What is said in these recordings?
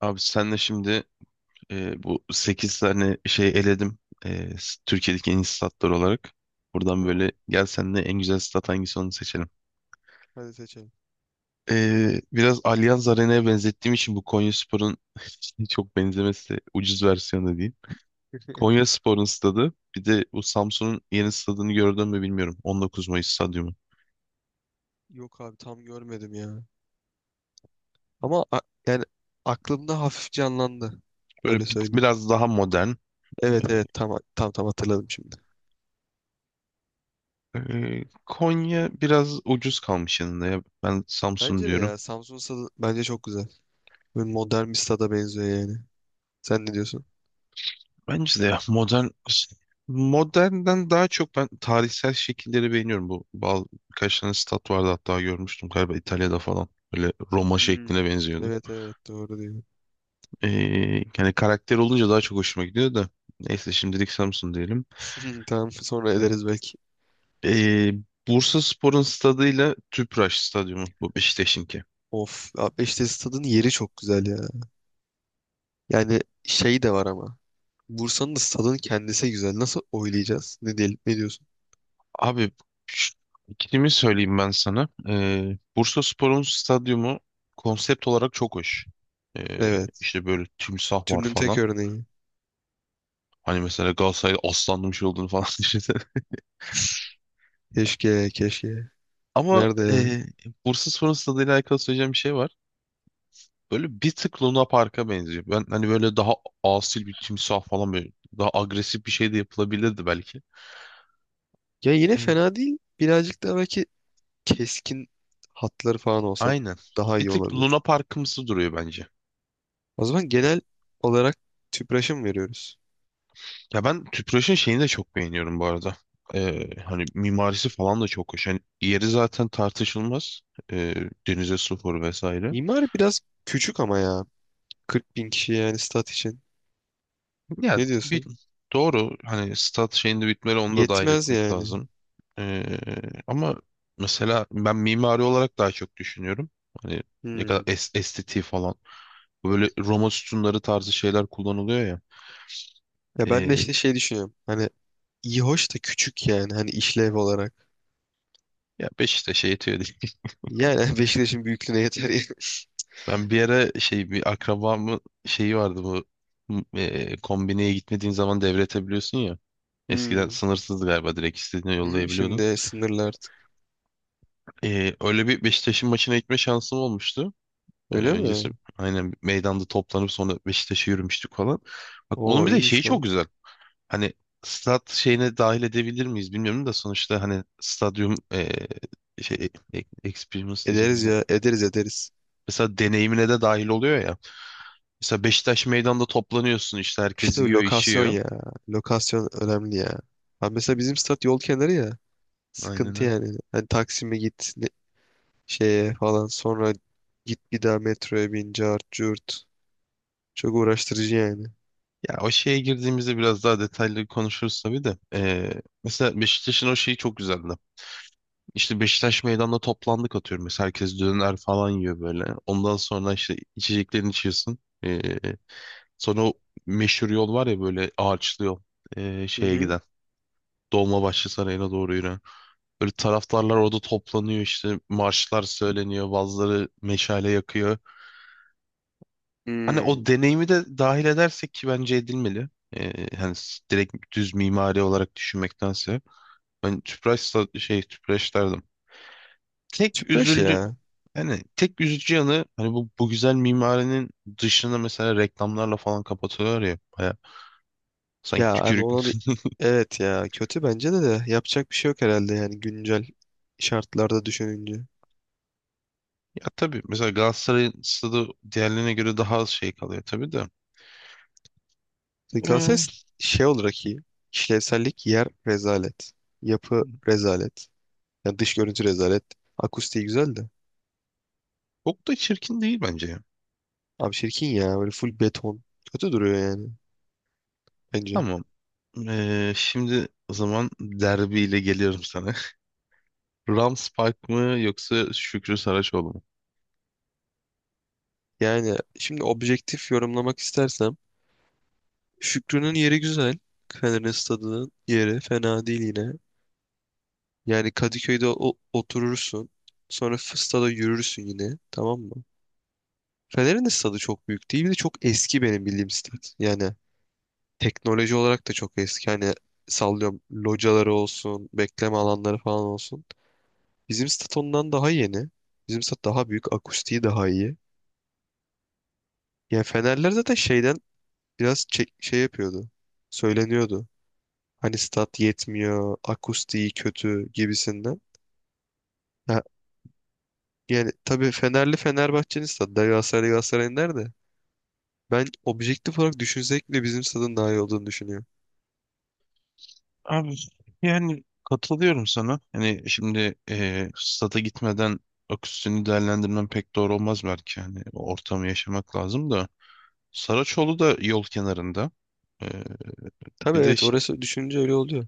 Abi senle şimdi, bu 8 tane şey eledim. Türkiye'deki en iyi statlar olarak. Buradan Tamam. böyle gel, senle en güzel stat hangisi onu seçelim. Hadi seçelim. Biraz Allianz Arena'ya benzettiğim için bu Konyaspor'un çok benzemesi de, ucuz versiyonu değil. Konyaspor'un stadı, bir de bu Samsun'un yeni stadını gördün mü bilmiyorum. 19 Mayıs stadyumu. Yok abi tam görmedim ya. Ama yani aklımda hafif canlandı. Böyle Öyle söyleyeyim. biraz daha modern. Evet evet tam tam tam hatırladım şimdi. Konya biraz ucuz kalmış yanında ya. Ben Samsun Bence de diyorum. ya Samsun stadı bence çok güzel. Böyle modern bir stada benziyor yani. Sen ne diyorsun? Bence de ya modernden daha çok ben tarihsel şekilleri beğeniyorum. Bu bal Birkaç tane stat vardı, hatta görmüştüm galiba İtalya'da falan. Böyle Roma Hmm. şekline benziyordu. Evet evet doğru diyor. Ee, Yani karakter olunca daha çok hoşuma gidiyor da. Neyse, şimdilik Samsun diyelim. Tamam sonra ederiz belki. Ee, Bursaspor'un stadıyla Tüpraş stadyumu, bu Beşiktaş'ınki. Of abi işte stadın yeri çok güzel ya. Yani şey de var ama. Bursa'nın da stadın kendisi güzel. Nasıl oylayacağız? Ne diyelim? Ne diyorsun? Abi, şu- ikilimi söyleyeyim ben sana. Bursaspor'un stadyumu konsept olarak çok hoş. Ee, Evet. işte böyle timsah var Türünün tek falan. örneği. Hani mesela Galatasaray'da aslanlı bir şey olduğunu falan düşünsene. Keşke, keşke. Ama Nerede ya? Bursaspor'un stadıyla alakalı söyleyeceğim bir şey var. Böyle bir tık Luna Park'a benziyor. Ben hani böyle daha asil bir timsah falan, böyle daha agresif bir şey de yapılabilirdi belki. Ya yine E, fena değil. Birazcık daha belki keskin hatları falan olsa aynen. daha Bir iyi tık olabilir. Luna Park'ımsı duruyor bence. O zaman genel olarak TÜPRAŞ'a mı veriyoruz? Ya ben Tüpraş'ın şeyini de çok beğeniyorum bu arada. Hani mimarisi falan da çok hoş. Hani yeri zaten tartışılmaz. E, Denize sıfır vesaire. İmar biraz küçük ama ya. 40 bin kişi yani stat için. Ya Ne bir diyorsun? Doğru, hani stat şeyinde bitmeli, onu da dahil Yetmez etmek yani. lazım. Ee, Ama mesela ben mimari olarak daha çok düşünüyorum. Hani ne kadar Hmm. Estetiği falan. Böyle Roma sütunları tarzı şeyler kullanılıyor ya. Ya ben de Ee, işte şey düşünüyorum. Hani iyi hoş da küçük yani. Hani işlev olarak. Ya Beşiktaş'a şey yetiyor değil. Yani Beşiktaş'ın büyüklüğüne yeter yani. Ben bir ara şey, bir akrabamın şeyi vardı, bu kombineye gitmediğin zaman devretebiliyorsun ya. Eskiden Hmm. sınırsızdı galiba, direkt istediğine Hmm, yollayabiliyordun. Şimdi sınırlı artık. Öyle bir Beşiktaş'ın maçına gitme şansım olmuştu. Öyle mi? Öncesi aynen meydanda toplanıp sonra Beşiktaş'a yürümüştük falan. Bak, onun Oo bir de şeyi iyiymiş çok lan. güzel. Hani stat şeyine dahil edebilir miyiz bilmiyorum da, sonuçta hani stadyum, şey, experience diyeceğim. Ederiz ya. Ederiz ederiz. Mesela deneyimine de dahil oluyor ya. Mesela Beşiktaş meydanda toplanıyorsun, işte herkes İşte o yiyor lokasyon içiyor. ya. Lokasyon önemli ya. Ha mesela bizim stat yol kenarı ya. Aynen Sıkıntı öyle. yani. Hani Taksim'e git şeye falan sonra git bir daha metroya bin cart curt. Çok uğraştırıcı yani. Ya, o şeye girdiğimizde biraz daha detaylı konuşuruz tabii de. Mesela Beşiktaş'ın o şeyi çok güzeldi. İşte Beşiktaş meydanda toplandık, atıyorum. Mesela herkes döner falan yiyor böyle. Ondan sonra işte içeceklerini içiyorsun. Sonra o meşhur yol var ya, böyle ağaçlı yol. Hı Şeye hı. giden. Dolmabahçe Sarayı'na doğru yürüyen. Böyle taraftarlar orada toplanıyor işte. Marşlar söyleniyor. Bazıları meşale yakıyor. Hani o Hmm. deneyimi de dahil edersek, ki bence edilmeli. Hani direkt düz mimari olarak düşünmektense. Ben tüpraş sa- şey Tüpraş derdim. Tek Tüpraş üzüldü ya. Yani tek üzücü yanı, hani bu güzel mimarinin dışını mesela reklamlarla falan kapatıyorlar ya, baya sanki Ya abi tükürük. ona da evet ya kötü bence de yapacak bir şey yok herhalde yani güncel şartlarda düşününce. Ya tabii, mesela Galatasaray'ın stadı diğerlerine göre daha az şey kalıyor tabii de. Galatasaray Hmm. şey olarak iyi. İşlevsellik yer rezalet. Yapı rezalet. Yani dış görüntü rezalet. Akustiği güzel de. Çok da çirkin değil bence ya. Abi çirkin ya. Böyle full beton. Kötü duruyor yani. Bence. Tamam. Şimdi o zaman derbiyle geliyorum sana. Rams Park mı yoksa Şükrü Saraçoğlu mu? Yani şimdi objektif yorumlamak istersem. Şükrü'nün yeri güzel. Fener'in stadının yeri fena değil yine. Yani Kadıköy'de oturursun. Sonra stada yürürsün yine. Tamam mı? Fener'in de stadı çok büyük değil. Bir de çok eski benim bildiğim stat. Yani teknoloji olarak da çok eski. Hani sallıyorum locaları olsun, bekleme alanları falan olsun. Bizim stat ondan daha yeni. Bizim stat daha büyük. Akustiği daha iyi. Yani Fenerler zaten şeyden biraz şey yapıyordu. Söyleniyordu. Hani stat yetmiyor. Akustiği kötü gibisinden. Ha, yani tabii Fenerli Fenerbahçe'nin stadı da, Galatasaray Galatasaray'ın nerede? Ben objektif olarak düşünsek bile bizim stadın daha iyi olduğunu düşünüyorum. Abi, yani katılıyorum sana. Hani şimdi stada gitmeden akustisini değerlendirmem pek doğru olmaz belki. Hani o ortamı yaşamak lazım da. Saraçoğlu da yol kenarında. Eee, Tabii Bir de evet orası düşününce öyle oluyor.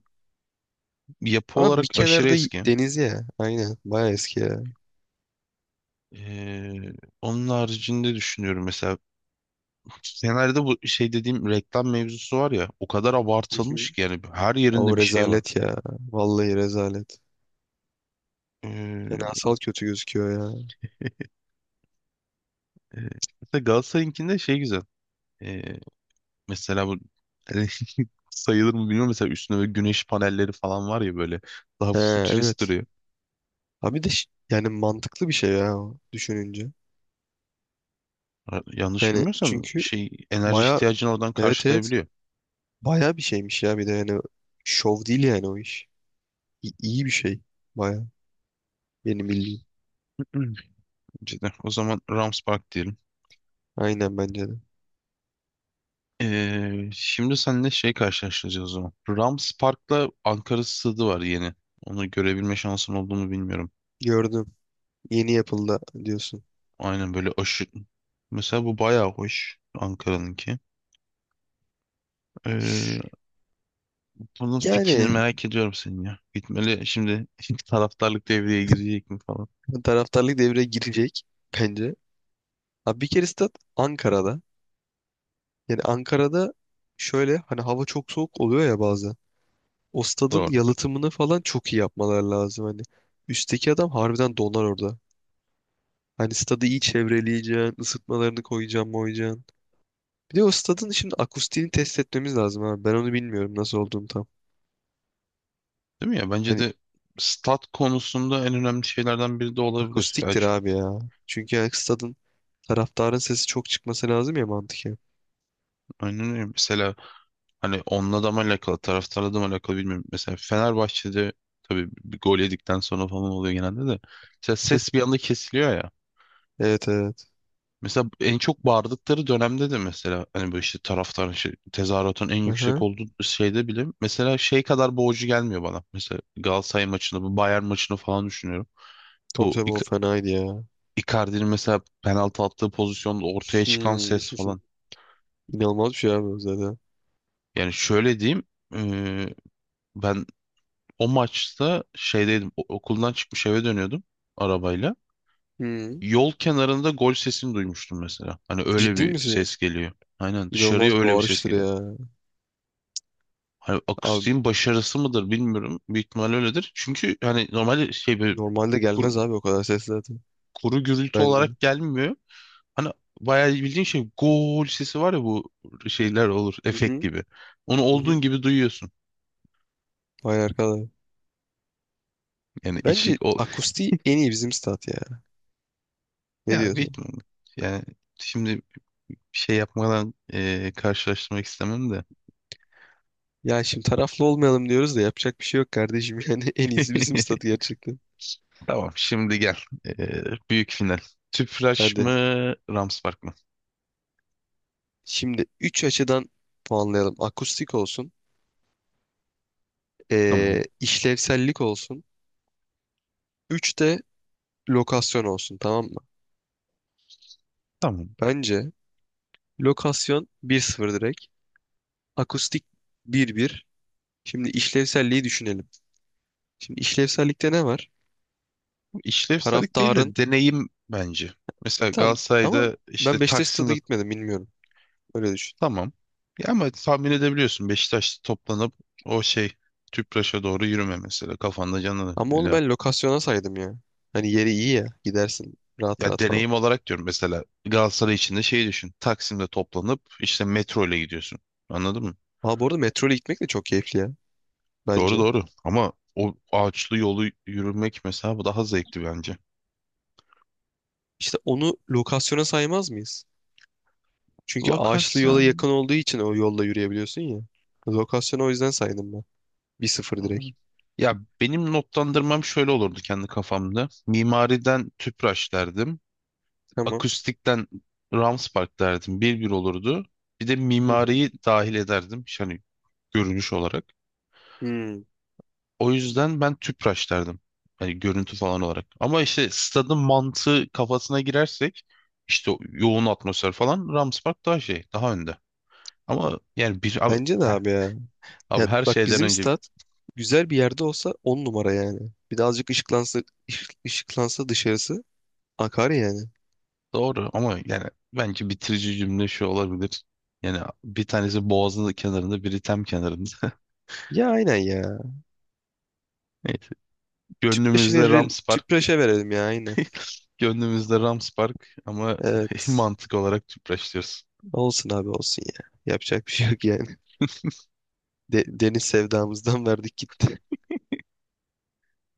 yapı Ama bir olarak aşırı kenarda eski. deniz ya. Aynen. Baya eski ya. Eee, Onun haricinde düşünüyorum, mesela Fener'de bu şey dediğim reklam mevzusu var ya, o kadar Hı hı. abartılmış ki, yani her yerinde O bir şey var. rezalet ya. Vallahi rezalet. Eee, Fenasal kötü gözüküyor ya. e, Mesela Galatasaray'ınkinde şey güzel. Eee, Mesela bu sayılır mı bilmiyorum. Mesela üstünde böyle güneş panelleri falan var ya, böyle daha He, futurist evet. duruyor. Abi de yani mantıklı bir şey ya o, düşününce. Ha, yanlış Yani bilmiyorsam çünkü şey, enerji baya ihtiyacını oradan evet evet karşılayabiliyor. baya bir şeymiş ya bir de yani şov değil yani o iş. İ- iyi bir şey baya benim bildiğim. Hı. Cidden. O zaman Rams Park diyelim. Aynen bence de. Şimdi seninle şey karşılaştıracağız o zaman. Rams Park'la Ankara Stadı var, yeni. Onu görebilme şansın olduğunu bilmiyorum. Gördüm. Yeni yapıldı diyorsun. Aynen böyle aşı... Mesela bu bayağı hoş Ankara'nınki. Ee, Bunun fikrini Yani merak ediyorum senin ya. Gitmeli şimdi taraftarlık devreye girecek mi falan. taraftarlık devreye girecek bence. Abi bir kere stat Ankara'da. Yani Ankara'da şöyle hani hava çok soğuk oluyor ya bazen. O stadın Doğru. yalıtımını falan çok iyi yapmaları lazım hani. Üstteki adam harbiden donar orada. Hani stadı iyi çevreleyeceksin, ısıtmalarını koyacaksın, moyacaksın. Bir de o stadın şimdi akustiğini test etmemiz lazım abi. Ben onu bilmiyorum nasıl olduğunu tam. Değil mi ya? Bence Hani de stat konusunda en önemli şeylerden biri de olabilir. Akustiktir abi ya. Çünkü yani stadın taraftarın sesi çok çıkması lazım ya mantıken. Aynen öyle. Mesela hani onunla da mı alakalı, taraftarla da mı alakalı bilmiyorum. Mesela Fenerbahçe'de tabii bir gol yedikten sonra falan oluyor genelde de. Mesela ses bir anda kesiliyor ya. Evet evet. Mesela en çok bağırdıkları dönemde de, mesela hani böyle işte taraftarın şey, tezahüratın en yüksek Aha. olduğu şeyde bile mesela şey kadar boğucu gelmiyor bana. Mesela Galatasaray maçını, bu Bayern maçını falan düşünüyorum. Tabii Bu tabii o fenaydı ya. Icardi'nin mesela penaltı attığı pozisyonda ortaya çıkan Hmm. ses falan. İnanılmaz bir şey abi o zaten. Yani şöyle diyeyim, eee, ben o maçta şeydeydim, okuldan çıkmış eve dönüyordum arabayla. Hmm. Yol kenarında gol sesini duymuştum mesela. Hani öyle Ciddi bir misin? ses geliyor. Aynen, dışarıya İnanılmaz öyle bir ses bağırıştır geliyor. ya. Hani Abi akustiğin başarısı mıdır bilmiyorum. Büyük ihtimal öyledir. Çünkü hani normalde şey, böyle normalde kuru, gelmez abi o kadar ses zaten. kuru gürültü Bence. olarak gelmiyor. Hani bayağı bildiğin şey gol sesi var ya, bu şeyler olur, Hı efekt hı. gibi. Onu Hı hı. olduğun gibi duyuyorsun. Vay arkadaş. Yani içi Bence o akustiği en iyi bizim stat ya. Ne ya diyorsun? Batman, yani şimdi bir şey yapmadan karşılaştırmak istemem de. Ya şimdi taraflı olmayalım diyoruz da yapacak bir şey yok kardeşim. Yani en iyisi bizim statı gerçekten. Tamam, şimdi gel. E, Büyük final. Tüpraş Hadi. mı, Ramspark mı? Şimdi 3 açıdan puanlayalım. Akustik olsun. Tamam. İşlevsellik olsun. 3 de lokasyon olsun tamam mı? Tamam. Bence lokasyon 1-0 direkt. Akustik 1-1. Şimdi işlevselliği düşünelim. Şimdi işlevsellikte ne var? Bu İşlevsellik değil de Taraftarın. deneyim bence. Mesela Tamam ama Galatasaray'da işte ben Beşiktaş Taksim'de... stada gitmedim bilmiyorum. Öyle düşün. Tamam. Ya, ama tahmin edebiliyorsun, Beşiktaş toplanıp o şey, Tüpraş'a doğru yürüme, mesela kafanda Ama onu canıyla. ben lokasyona saydım ya. Hani yeri iyi ya. Gidersin rahat Ya rahat falan. deneyim olarak diyorum, mesela Galatasaray için de şeyi düşün. Taksim'de toplanıp işte metro ile gidiyorsun. Anladın mı? Aa bu arada metro ile gitmek de çok keyifli ya. Doğru Bence. doğru. Ama o ağaçlı yolu yürümek, mesela bu daha zevkli bence. İşte onu lokasyona saymaz mıyız? Çünkü ağaçlı yola Lokasyon. yakın olduğu için o yolla yürüyebiliyorsun ya. Lokasyona o yüzden saydım ben. Bir sıfır direkt. Ya, benim notlandırmam şöyle olurdu kendi kafamda. Mimariden Tüpraş derdim. Tamam. Akustikten Rams Park derdim. 1-1 olurdu. Bir de Hı hı. mimariyi dahil ederdim. İşte, hani görünüş olarak. Hmm. O yüzden ben Tüpraş derdim. Hani görüntü falan olarak. Ama işte stadın mantığı kafasına girersek, işte o yoğun atmosfer falan, Rams Park daha şey, daha önde. Ama yani bir abi, Bence de he, abi ya. abi Ya her bak şeyden bizim önce stat güzel bir yerde olsa 10 numara yani. Bir de azıcık ışıklansa, ışıklansa dışarısı akar yani. doğru. Ama yani bence bitirici cümle şu olabilir. Yani bir tanesi Boğaz'ın kenarında, biri Tem kenarında. Ya aynen ya. Neyse. Tüpraşı Gönlümüzde verelim, Rams Park, Tüpraş'a verelim ya aynen. gönlümüzde Rams Park, ama Evet. mantık olarak Tüpraş diyoruz. Olsun abi olsun ya. Yapacak bir şey yok yani. Deniz sevdamızdan verdik gitti.